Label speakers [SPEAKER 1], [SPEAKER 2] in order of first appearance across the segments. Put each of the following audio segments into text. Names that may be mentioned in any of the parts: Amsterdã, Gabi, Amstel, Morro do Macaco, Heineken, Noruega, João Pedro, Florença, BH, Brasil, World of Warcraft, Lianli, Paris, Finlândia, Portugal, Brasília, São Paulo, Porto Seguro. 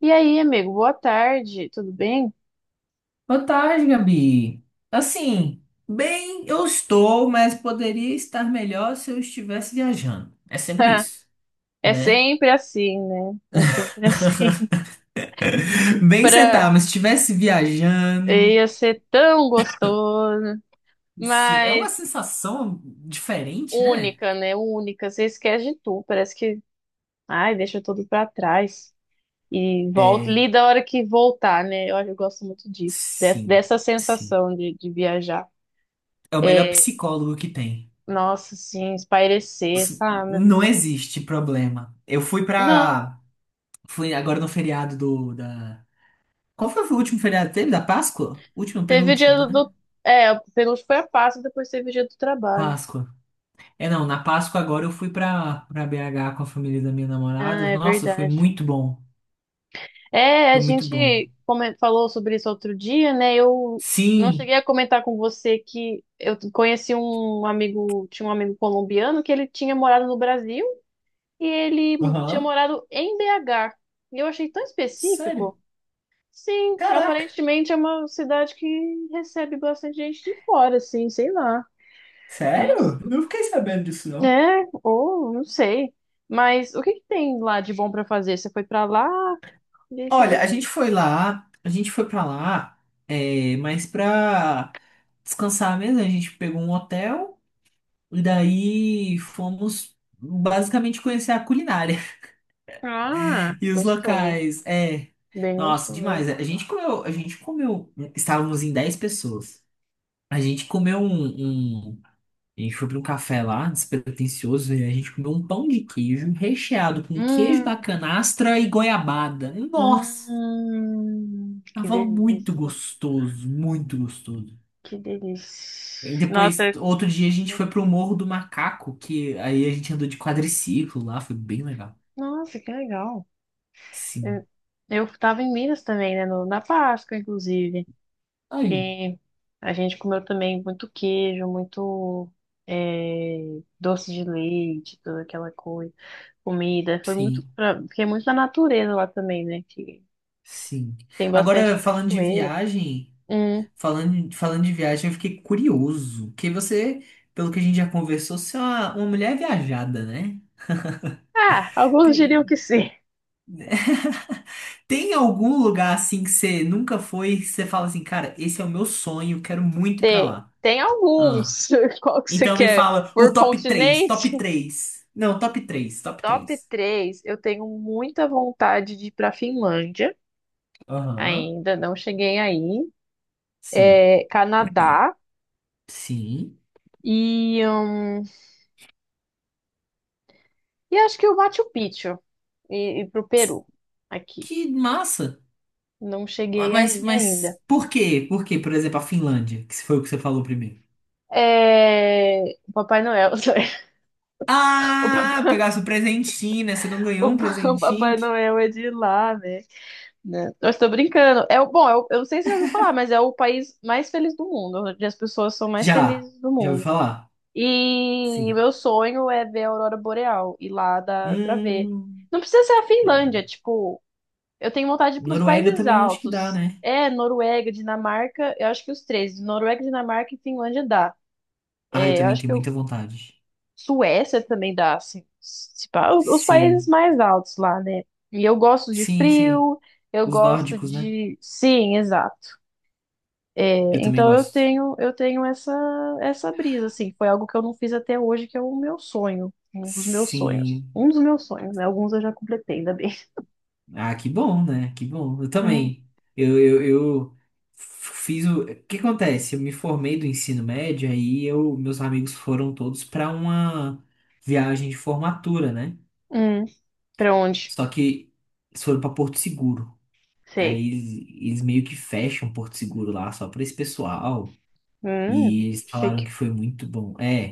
[SPEAKER 1] E aí, amigo, boa tarde, tudo bem?
[SPEAKER 2] Boa tarde, Gabi. Assim, bem, eu estou, mas poderia estar melhor se eu estivesse viajando. É sempre isso,
[SPEAKER 1] É
[SPEAKER 2] né?
[SPEAKER 1] sempre assim, né? É sempre assim.
[SPEAKER 2] Bem que você
[SPEAKER 1] Pra...
[SPEAKER 2] tá, mas se estivesse viajando,
[SPEAKER 1] Ia ser tão gostoso,
[SPEAKER 2] sim, é uma
[SPEAKER 1] mas
[SPEAKER 2] sensação diferente, né?
[SPEAKER 1] única, né? Única. Você esquece de tudo, parece que, ai, deixa tudo pra trás. E volta,
[SPEAKER 2] É,
[SPEAKER 1] lida a hora que voltar, né? Eu gosto muito disso,
[SPEAKER 2] sim,
[SPEAKER 1] dessa
[SPEAKER 2] sim.
[SPEAKER 1] sensação de viajar.
[SPEAKER 2] É o melhor
[SPEAKER 1] É,
[SPEAKER 2] psicólogo que tem.
[SPEAKER 1] nossa, assim, espairecer, sabe?
[SPEAKER 2] Não existe problema. Eu fui
[SPEAKER 1] Não,
[SPEAKER 2] pra. Fui agora no feriado do da. Qual foi o último feriado que teve? Da Páscoa? Último,
[SPEAKER 1] teve o dia
[SPEAKER 2] penúltimo, né?
[SPEAKER 1] É, o penúltimo foi a Páscoa, depois teve o dia do trabalho.
[SPEAKER 2] Páscoa. É, não, na Páscoa agora eu fui pra BH com a família da minha
[SPEAKER 1] Ah,
[SPEAKER 2] namorada.
[SPEAKER 1] é
[SPEAKER 2] Nossa, foi
[SPEAKER 1] verdade.
[SPEAKER 2] muito bom.
[SPEAKER 1] É, a
[SPEAKER 2] Foi muito bom.
[SPEAKER 1] gente falou sobre isso outro dia, né? Eu não
[SPEAKER 2] Sim.
[SPEAKER 1] cheguei a comentar com você que eu conheci um amigo, tinha um amigo colombiano que ele tinha morado no Brasil e ele tinha
[SPEAKER 2] Aham.
[SPEAKER 1] morado em BH. E eu achei tão
[SPEAKER 2] Sério?
[SPEAKER 1] específico. Sim,
[SPEAKER 2] Caraca.
[SPEAKER 1] aparentemente é uma cidade que recebe bastante gente de fora, assim, sei lá. Eu não sei.
[SPEAKER 2] Sério? Eu não fiquei sabendo disso, não.
[SPEAKER 1] É, ou não sei. Mas o que que tem lá de bom pra fazer? Você foi pra lá e fez o
[SPEAKER 2] Olha,
[SPEAKER 1] quê?
[SPEAKER 2] a gente foi pra lá, mas pra descansar mesmo, a gente pegou um hotel e daí fomos basicamente conhecer a culinária
[SPEAKER 1] Ah,
[SPEAKER 2] e os
[SPEAKER 1] gostoso.
[SPEAKER 2] locais. É,
[SPEAKER 1] Bem
[SPEAKER 2] nossa,
[SPEAKER 1] gostoso.
[SPEAKER 2] demais. A gente comeu, estávamos em 10 pessoas. A gente comeu um, um- A gente foi pra um café lá, despretensioso, e a gente comeu um pão de queijo recheado com queijo da
[SPEAKER 1] Hum,
[SPEAKER 2] canastra e goiabada. Nossa,
[SPEAKER 1] que
[SPEAKER 2] tava muito
[SPEAKER 1] delícia.
[SPEAKER 2] gostoso, muito gostoso.
[SPEAKER 1] Que
[SPEAKER 2] E
[SPEAKER 1] delícia.
[SPEAKER 2] depois, outro dia, a gente foi pro Morro do Macaco, que aí a gente andou de quadriciclo lá, foi bem legal.
[SPEAKER 1] Nossa, que legal.
[SPEAKER 2] Sim.
[SPEAKER 1] Eu, eu tava em Minas também, né? Na Páscoa, inclusive.
[SPEAKER 2] Aí,
[SPEAKER 1] E a gente comeu também muito queijo, muito doce de leite, toda aquela coisa. Comida. Foi muito.
[SPEAKER 2] sim,
[SPEAKER 1] Fiquei muito na natureza lá também, né? Que
[SPEAKER 2] sim.
[SPEAKER 1] tem bastante
[SPEAKER 2] Agora, falando de
[SPEAKER 1] cachoeira.
[SPEAKER 2] viagem. Falando de viagem, eu fiquei curioso. Que você, pelo que a gente já conversou, você é uma mulher viajada, né?
[SPEAKER 1] Ah, alguns diriam que
[SPEAKER 2] Tem,
[SPEAKER 1] sim.
[SPEAKER 2] tem algum lugar assim que você nunca foi, que você fala assim, cara, esse é o meu sonho, quero muito ir pra
[SPEAKER 1] Tem,
[SPEAKER 2] lá.
[SPEAKER 1] tem
[SPEAKER 2] Ah.
[SPEAKER 1] alguns. Qual que você
[SPEAKER 2] Então me
[SPEAKER 1] quer?
[SPEAKER 2] fala o
[SPEAKER 1] Por
[SPEAKER 2] top três,
[SPEAKER 1] continente?
[SPEAKER 2] top três. Não, top três, top
[SPEAKER 1] Top
[SPEAKER 2] três.
[SPEAKER 1] 3. Eu tenho muita vontade de ir para Finlândia.
[SPEAKER 2] Aham.
[SPEAKER 1] Ainda não cheguei aí.
[SPEAKER 2] Sim.
[SPEAKER 1] É, Canadá
[SPEAKER 2] Sim.
[SPEAKER 1] e hum, e acho que o Machu Picchu e pro Peru aqui.
[SPEAKER 2] Que massa.
[SPEAKER 1] Não cheguei
[SPEAKER 2] Mas,
[SPEAKER 1] aí ainda.
[SPEAKER 2] mas por quê? Por quê? Por exemplo, a Finlândia, que foi o que você falou primeiro.
[SPEAKER 1] É, o Papai Noel, o
[SPEAKER 2] Ah,
[SPEAKER 1] Papai,
[SPEAKER 2] pegasse o presentinho, né? Você não ganhou
[SPEAKER 1] o
[SPEAKER 2] um
[SPEAKER 1] Pa- o
[SPEAKER 2] presentinho?
[SPEAKER 1] Papai Noel é de lá, né? Né? Eu estou brincando. É, bom, eu não sei se você já ouviu falar, mas é o país mais feliz do mundo, onde as pessoas são mais
[SPEAKER 2] Já,
[SPEAKER 1] felizes do
[SPEAKER 2] já ouvi
[SPEAKER 1] mundo.
[SPEAKER 2] falar.
[SPEAKER 1] E
[SPEAKER 2] Sim.
[SPEAKER 1] meu sonho é ver a aurora boreal, ir lá dá pra ver.
[SPEAKER 2] Hum,
[SPEAKER 1] Não precisa ser a Finlândia, tipo, eu tenho vontade de ir para os
[SPEAKER 2] Noruega
[SPEAKER 1] países
[SPEAKER 2] também acho que dá,
[SPEAKER 1] altos.
[SPEAKER 2] né?
[SPEAKER 1] É, Noruega, Dinamarca, eu acho que os três, Noruega, Dinamarca e Finlândia dá.
[SPEAKER 2] Ah, eu
[SPEAKER 1] É, eu
[SPEAKER 2] também
[SPEAKER 1] acho
[SPEAKER 2] tenho
[SPEAKER 1] que eu,
[SPEAKER 2] muita vontade.
[SPEAKER 1] Suécia também dá, assim, se pá, os países
[SPEAKER 2] Sim,
[SPEAKER 1] mais altos lá, né? E eu gosto de
[SPEAKER 2] sim, sim.
[SPEAKER 1] frio, eu
[SPEAKER 2] Os
[SPEAKER 1] gosto
[SPEAKER 2] nórdicos, né?
[SPEAKER 1] de. Sim, exato. É,
[SPEAKER 2] Eu também
[SPEAKER 1] então
[SPEAKER 2] gosto.
[SPEAKER 1] eu tenho essa, essa brisa, assim, foi algo que eu não fiz até hoje, que é o meu sonho. Um dos meus sonhos. Um
[SPEAKER 2] Sim.
[SPEAKER 1] dos meus sonhos, né? Alguns eu já completei, ainda bem.
[SPEAKER 2] Ah, que bom, né? Que bom. Eu
[SPEAKER 1] Hum,
[SPEAKER 2] também. Eu fiz o. O que acontece? Eu me formei do ensino médio, aí meus amigos foram todos para uma viagem de formatura, né?
[SPEAKER 1] hum, pra onde?
[SPEAKER 2] Só que eles foram pra Porto Seguro.
[SPEAKER 1] Sei.
[SPEAKER 2] Aí eles meio que fecham Porto Seguro lá só pra esse pessoal.
[SPEAKER 1] Hum,
[SPEAKER 2] E eles falaram que
[SPEAKER 1] chique.
[SPEAKER 2] foi muito bom. É,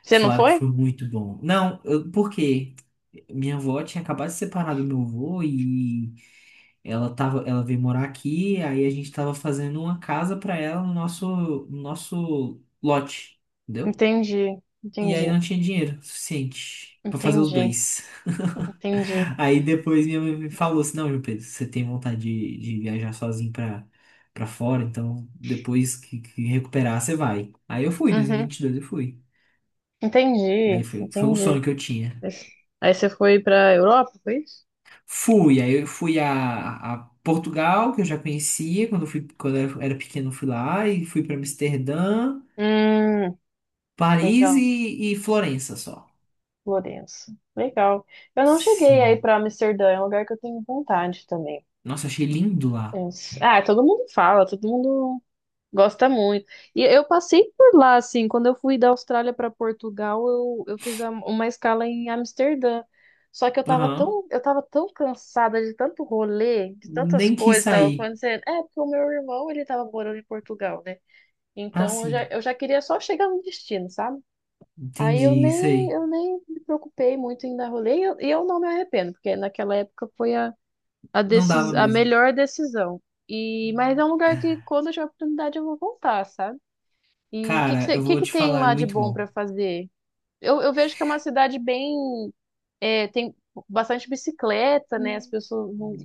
[SPEAKER 1] Você não
[SPEAKER 2] falaram que
[SPEAKER 1] foi?
[SPEAKER 2] foi muito bom. Não, por quê? Minha avó tinha acabado de separar do meu avô e ela veio morar aqui, aí a gente tava fazendo uma casa pra ela no nosso lote. Entendeu?
[SPEAKER 1] Entendi,
[SPEAKER 2] E aí
[SPEAKER 1] entendi,
[SPEAKER 2] não tinha dinheiro suficiente pra fazer os
[SPEAKER 1] entendi,
[SPEAKER 2] dois.
[SPEAKER 1] entendi.
[SPEAKER 2] Aí depois minha mãe me falou assim, não, João Pedro, você tem vontade de, viajar sozinho pra fora, então depois que recuperar, você vai. Aí eu fui, em dois mil e
[SPEAKER 1] Uhum,
[SPEAKER 2] vinte e dois eu fui. Aí
[SPEAKER 1] entendi,
[SPEAKER 2] foi um
[SPEAKER 1] entendi.
[SPEAKER 2] sonho que eu tinha.
[SPEAKER 1] Mas- Aí você foi pra Europa, foi isso?
[SPEAKER 2] Fui, aí eu fui a Portugal, que eu já conhecia, quando eu era pequeno eu fui lá, e fui pra Amsterdã,
[SPEAKER 1] Hum,
[SPEAKER 2] Paris
[SPEAKER 1] legal.
[SPEAKER 2] e Florença só.
[SPEAKER 1] Florença. Legal. Eu não cheguei aí
[SPEAKER 2] Sim.
[SPEAKER 1] pra Amsterdã, é um lugar que eu tenho vontade também.
[SPEAKER 2] Nossa, achei lindo lá.
[SPEAKER 1] Mas- Ah, todo mundo fala, todo mundo gosta muito. E eu passei por lá, assim, quando eu fui da Austrália para Portugal, eu uma escala em Amsterdã. Só que
[SPEAKER 2] Aham.
[SPEAKER 1] eu tava tão cansada de tanto rolê, de tantas
[SPEAKER 2] Nem quis
[SPEAKER 1] coisas que tava
[SPEAKER 2] sair.
[SPEAKER 1] acontecendo. É, porque o meu irmão, ele tava morando em Portugal, né?
[SPEAKER 2] Ah,
[SPEAKER 1] Então
[SPEAKER 2] sim.
[SPEAKER 1] eu já queria só chegar no destino, sabe? Aí
[SPEAKER 2] Entendi, isso aí.
[SPEAKER 1] eu nem me preocupei muito em dar rolê e e eu não me arrependo, porque naquela época foi
[SPEAKER 2] Não dava
[SPEAKER 1] a
[SPEAKER 2] mesmo.
[SPEAKER 1] melhor decisão. E, mas é um lugar que quando eu tiver oportunidade eu vou voltar, sabe? E o que, que,
[SPEAKER 2] Cara,
[SPEAKER 1] você-
[SPEAKER 2] eu vou
[SPEAKER 1] que
[SPEAKER 2] te
[SPEAKER 1] tem
[SPEAKER 2] falar, é
[SPEAKER 1] lá de
[SPEAKER 2] muito
[SPEAKER 1] bom
[SPEAKER 2] bom.
[SPEAKER 1] para fazer? Eu vejo que é uma cidade bem. É, tem bastante bicicleta, né? As pessoas não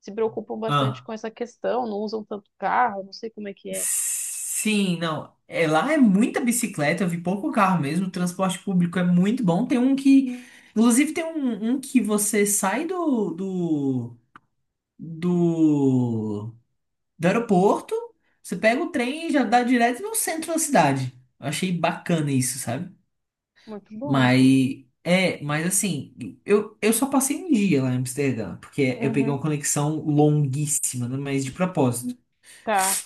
[SPEAKER 1] se preocupam bastante
[SPEAKER 2] Ah.
[SPEAKER 1] com essa questão, não usam tanto carro, não sei como é que é.
[SPEAKER 2] Sim, não. É, lá é muita bicicleta, eu vi pouco carro mesmo. O transporte público é muito bom. Tem um que. Inclusive, tem um que você sai do, do aeroporto, você pega o trem e já dá direto no centro da cidade. Eu achei bacana isso, sabe?
[SPEAKER 1] Muito bom.
[SPEAKER 2] Mas, mas assim, eu só passei um dia lá em Amsterdã, porque eu peguei
[SPEAKER 1] Uhum.
[SPEAKER 2] uma conexão longuíssima, né, mas de propósito.
[SPEAKER 1] Tá.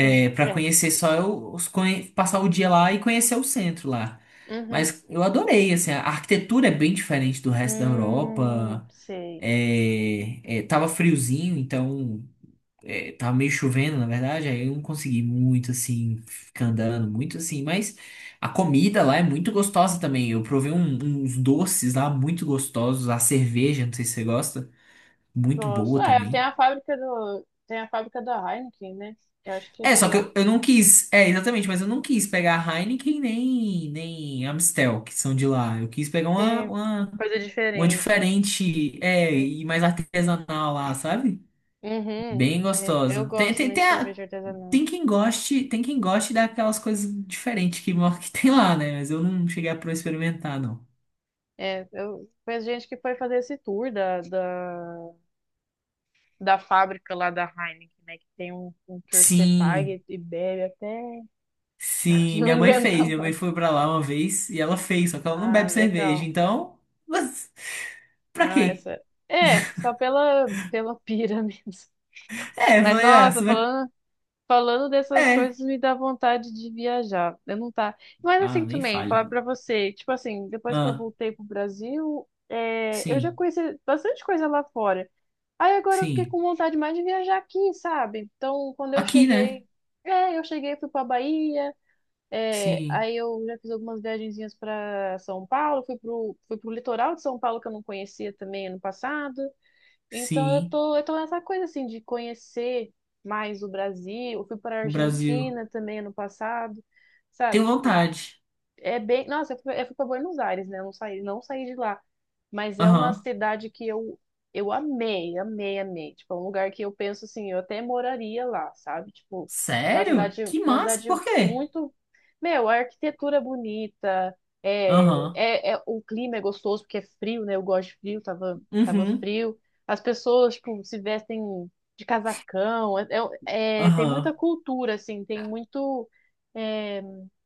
[SPEAKER 1] Sim,
[SPEAKER 2] para
[SPEAKER 1] é.
[SPEAKER 2] conhecer só eu, passar o dia lá e conhecer o centro lá.
[SPEAKER 1] Uhum.
[SPEAKER 2] Mas eu adorei, assim, a arquitetura é bem diferente do resto da Europa.
[SPEAKER 1] Sei.
[SPEAKER 2] Tava friozinho, então tava meio chovendo, na verdade, aí eu não consegui muito assim, ficar andando, muito assim, mas a comida lá é muito gostosa também. Eu provei uns doces lá muito gostosos, a cerveja, não sei se você gosta, muito
[SPEAKER 1] Gosto.
[SPEAKER 2] boa
[SPEAKER 1] É, tem
[SPEAKER 2] também.
[SPEAKER 1] tem a fábrica da Heineken, né? Eu acho que é
[SPEAKER 2] É,
[SPEAKER 1] de
[SPEAKER 2] só que
[SPEAKER 1] lá.
[SPEAKER 2] eu não quis, é, exatamente, mas eu não quis pegar a Heineken nem Amstel, que são de lá. Eu quis pegar uma,
[SPEAKER 1] Tem
[SPEAKER 2] uma,
[SPEAKER 1] coisa
[SPEAKER 2] uma
[SPEAKER 1] diferente.
[SPEAKER 2] diferente, e mais artesanal lá, sabe?
[SPEAKER 1] Uhum.
[SPEAKER 2] Bem
[SPEAKER 1] É, eu
[SPEAKER 2] gostosa.
[SPEAKER 1] gosto muito de cerveja artesanal.
[SPEAKER 2] Tem quem goste daquelas coisas diferentes que, tem lá, né? Mas eu não cheguei a pro experimentar, não.
[SPEAKER 1] É, eu conheço gente que foi fazer esse da fábrica lá da Heineken, né? Que tem um tour que você paga
[SPEAKER 2] Sim,
[SPEAKER 1] e bebe até
[SPEAKER 2] sim, minha
[SPEAKER 1] não
[SPEAKER 2] mãe
[SPEAKER 1] aguenta
[SPEAKER 2] fez. Minha mãe
[SPEAKER 1] mais.
[SPEAKER 2] foi pra lá uma vez e ela fez, só que ela não
[SPEAKER 1] Ah,
[SPEAKER 2] bebe cerveja,
[SPEAKER 1] legal.
[SPEAKER 2] então. Mas pra
[SPEAKER 1] Ah,
[SPEAKER 2] quê?
[SPEAKER 1] essa. É, só pela, pela pira mesmo.
[SPEAKER 2] É, eu
[SPEAKER 1] Mas
[SPEAKER 2] falei, ah,
[SPEAKER 1] nossa,
[SPEAKER 2] você vai.
[SPEAKER 1] falando dessas
[SPEAKER 2] É.
[SPEAKER 1] coisas me dá vontade de viajar. Eu não tá. Mas
[SPEAKER 2] Ah,
[SPEAKER 1] assim
[SPEAKER 2] nem
[SPEAKER 1] também,
[SPEAKER 2] fale.
[SPEAKER 1] falar pra você, tipo assim, depois que eu
[SPEAKER 2] Ah,
[SPEAKER 1] voltei pro Brasil, é, eu já
[SPEAKER 2] sim,
[SPEAKER 1] conheci bastante coisa lá fora. Aí agora eu fiquei
[SPEAKER 2] sim.
[SPEAKER 1] com vontade mais de viajar aqui, sabe? Então, quando eu
[SPEAKER 2] Aqui, né?
[SPEAKER 1] cheguei, é, eu cheguei, fui pra Bahia, é,
[SPEAKER 2] Sim,
[SPEAKER 1] aí eu já fiz algumas viagenzinhas pra São Paulo, fui pro litoral de São Paulo que eu não conhecia também ano passado. Então
[SPEAKER 2] sim.
[SPEAKER 1] eu tô nessa coisa assim de conhecer mais o Brasil. Eu fui para a
[SPEAKER 2] O Brasil.
[SPEAKER 1] Argentina também ano passado, sabe?
[SPEAKER 2] Tenho
[SPEAKER 1] Tipo,
[SPEAKER 2] vontade.
[SPEAKER 1] é bem. Nossa, eu fui para Buenos Aires, né? Eu não saí, não saí de lá. Mas é uma
[SPEAKER 2] Aham.
[SPEAKER 1] cidade que eu amei, amei, amei. Tipo, é um lugar que eu penso assim, eu até moraria lá, sabe? Tipo,
[SPEAKER 2] Sério? Que
[SPEAKER 1] uma
[SPEAKER 2] massa,
[SPEAKER 1] cidade
[SPEAKER 2] por quê?
[SPEAKER 1] muito. Meu, a arquitetura é bonita,
[SPEAKER 2] Aham.
[SPEAKER 1] o clima é gostoso, porque é frio, né? Eu gosto de frio, tava
[SPEAKER 2] Uhum.
[SPEAKER 1] frio. As pessoas, tipo, se vestem de casacão. Tem muita
[SPEAKER 2] Aham.
[SPEAKER 1] cultura, assim, tem muito. é,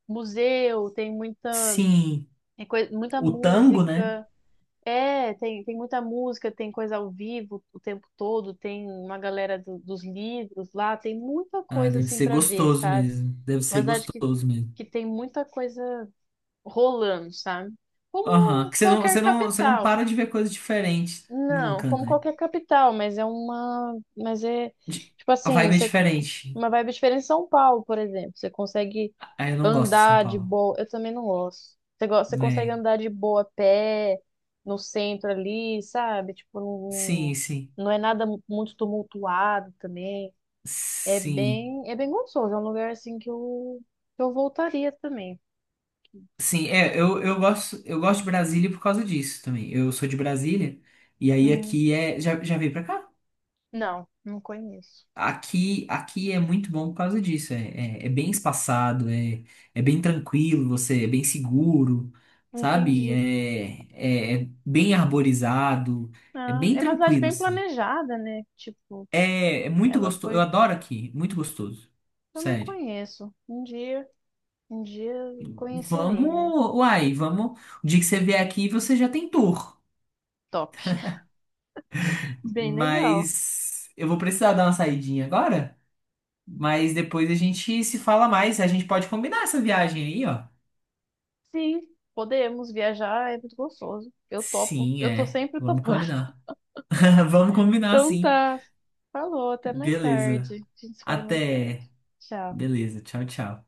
[SPEAKER 1] museu, tem muita,
[SPEAKER 2] Sim,
[SPEAKER 1] muita
[SPEAKER 2] o tango, né?
[SPEAKER 1] música. É, tem muita música, tem coisa ao vivo o tempo todo, tem uma galera dos livros lá, tem muita
[SPEAKER 2] Ah,
[SPEAKER 1] coisa
[SPEAKER 2] deve
[SPEAKER 1] assim
[SPEAKER 2] ser
[SPEAKER 1] para ver,
[SPEAKER 2] gostoso
[SPEAKER 1] sabe?
[SPEAKER 2] mesmo. Deve
[SPEAKER 1] Uma
[SPEAKER 2] ser
[SPEAKER 1] cidade
[SPEAKER 2] gostoso mesmo.
[SPEAKER 1] que tem muita coisa rolando, sabe?
[SPEAKER 2] Aham.
[SPEAKER 1] Como
[SPEAKER 2] Que você não,
[SPEAKER 1] qualquer
[SPEAKER 2] você não, você não
[SPEAKER 1] capital.
[SPEAKER 2] para de ver coisa diferente
[SPEAKER 1] Não,
[SPEAKER 2] nunca,
[SPEAKER 1] como
[SPEAKER 2] né?
[SPEAKER 1] qualquer capital, mas mas é
[SPEAKER 2] De-
[SPEAKER 1] tipo
[SPEAKER 2] A
[SPEAKER 1] assim,
[SPEAKER 2] vibe é
[SPEAKER 1] você
[SPEAKER 2] diferente.
[SPEAKER 1] Uma vibe diferente em São Paulo, por exemplo. Você consegue
[SPEAKER 2] Ah, eu não gosto de São
[SPEAKER 1] andar de
[SPEAKER 2] Paulo.
[SPEAKER 1] boa. Eu também não gosto. Você, você consegue
[SPEAKER 2] É.
[SPEAKER 1] andar de boa a pé no centro ali, sabe? Tipo,
[SPEAKER 2] Sim, sim.
[SPEAKER 1] não é nada muito tumultuado também.
[SPEAKER 2] Sim.
[SPEAKER 1] É bem gostoso. É um lugar assim que que eu voltaria também.
[SPEAKER 2] Sim, eu gosto de Brasília por causa disso também. Eu sou de Brasília e aí
[SPEAKER 1] Hum,
[SPEAKER 2] aqui já veio pra cá?
[SPEAKER 1] não, não conheço.
[SPEAKER 2] Aqui é muito bom por causa disso. É bem espaçado, é bem tranquilo, você é bem seguro, sabe?
[SPEAKER 1] Entendi.
[SPEAKER 2] É bem arborizado, é
[SPEAKER 1] Ah,
[SPEAKER 2] bem
[SPEAKER 1] é uma cidade
[SPEAKER 2] tranquilo,
[SPEAKER 1] bem
[SPEAKER 2] assim.
[SPEAKER 1] planejada, né? Tipo,
[SPEAKER 2] É muito
[SPEAKER 1] ela
[SPEAKER 2] gostoso. Eu
[SPEAKER 1] foi.
[SPEAKER 2] adoro aqui, muito gostoso.
[SPEAKER 1] Eu não
[SPEAKER 2] Sério.
[SPEAKER 1] conheço. Um dia conhecerei, né?
[SPEAKER 2] Vamos, uai, vamos. O dia que você vier aqui, você já tem tour.
[SPEAKER 1] Top. Bem legal.
[SPEAKER 2] Mas eu vou precisar dar uma saidinha agora. Mas depois a gente se fala mais. A gente pode combinar essa viagem aí, ó.
[SPEAKER 1] Sim, podemos viajar, é muito gostoso. Eu topo,
[SPEAKER 2] Sim,
[SPEAKER 1] eu tô
[SPEAKER 2] é.
[SPEAKER 1] sempre
[SPEAKER 2] Vamos
[SPEAKER 1] topando.
[SPEAKER 2] combinar. Vamos combinar,
[SPEAKER 1] Então
[SPEAKER 2] sim.
[SPEAKER 1] tá. Falou, até mais
[SPEAKER 2] Beleza.
[SPEAKER 1] tarde. A gente se fala mais tarde.
[SPEAKER 2] Até.
[SPEAKER 1] Tchau.
[SPEAKER 2] Beleza. Tchau, tchau.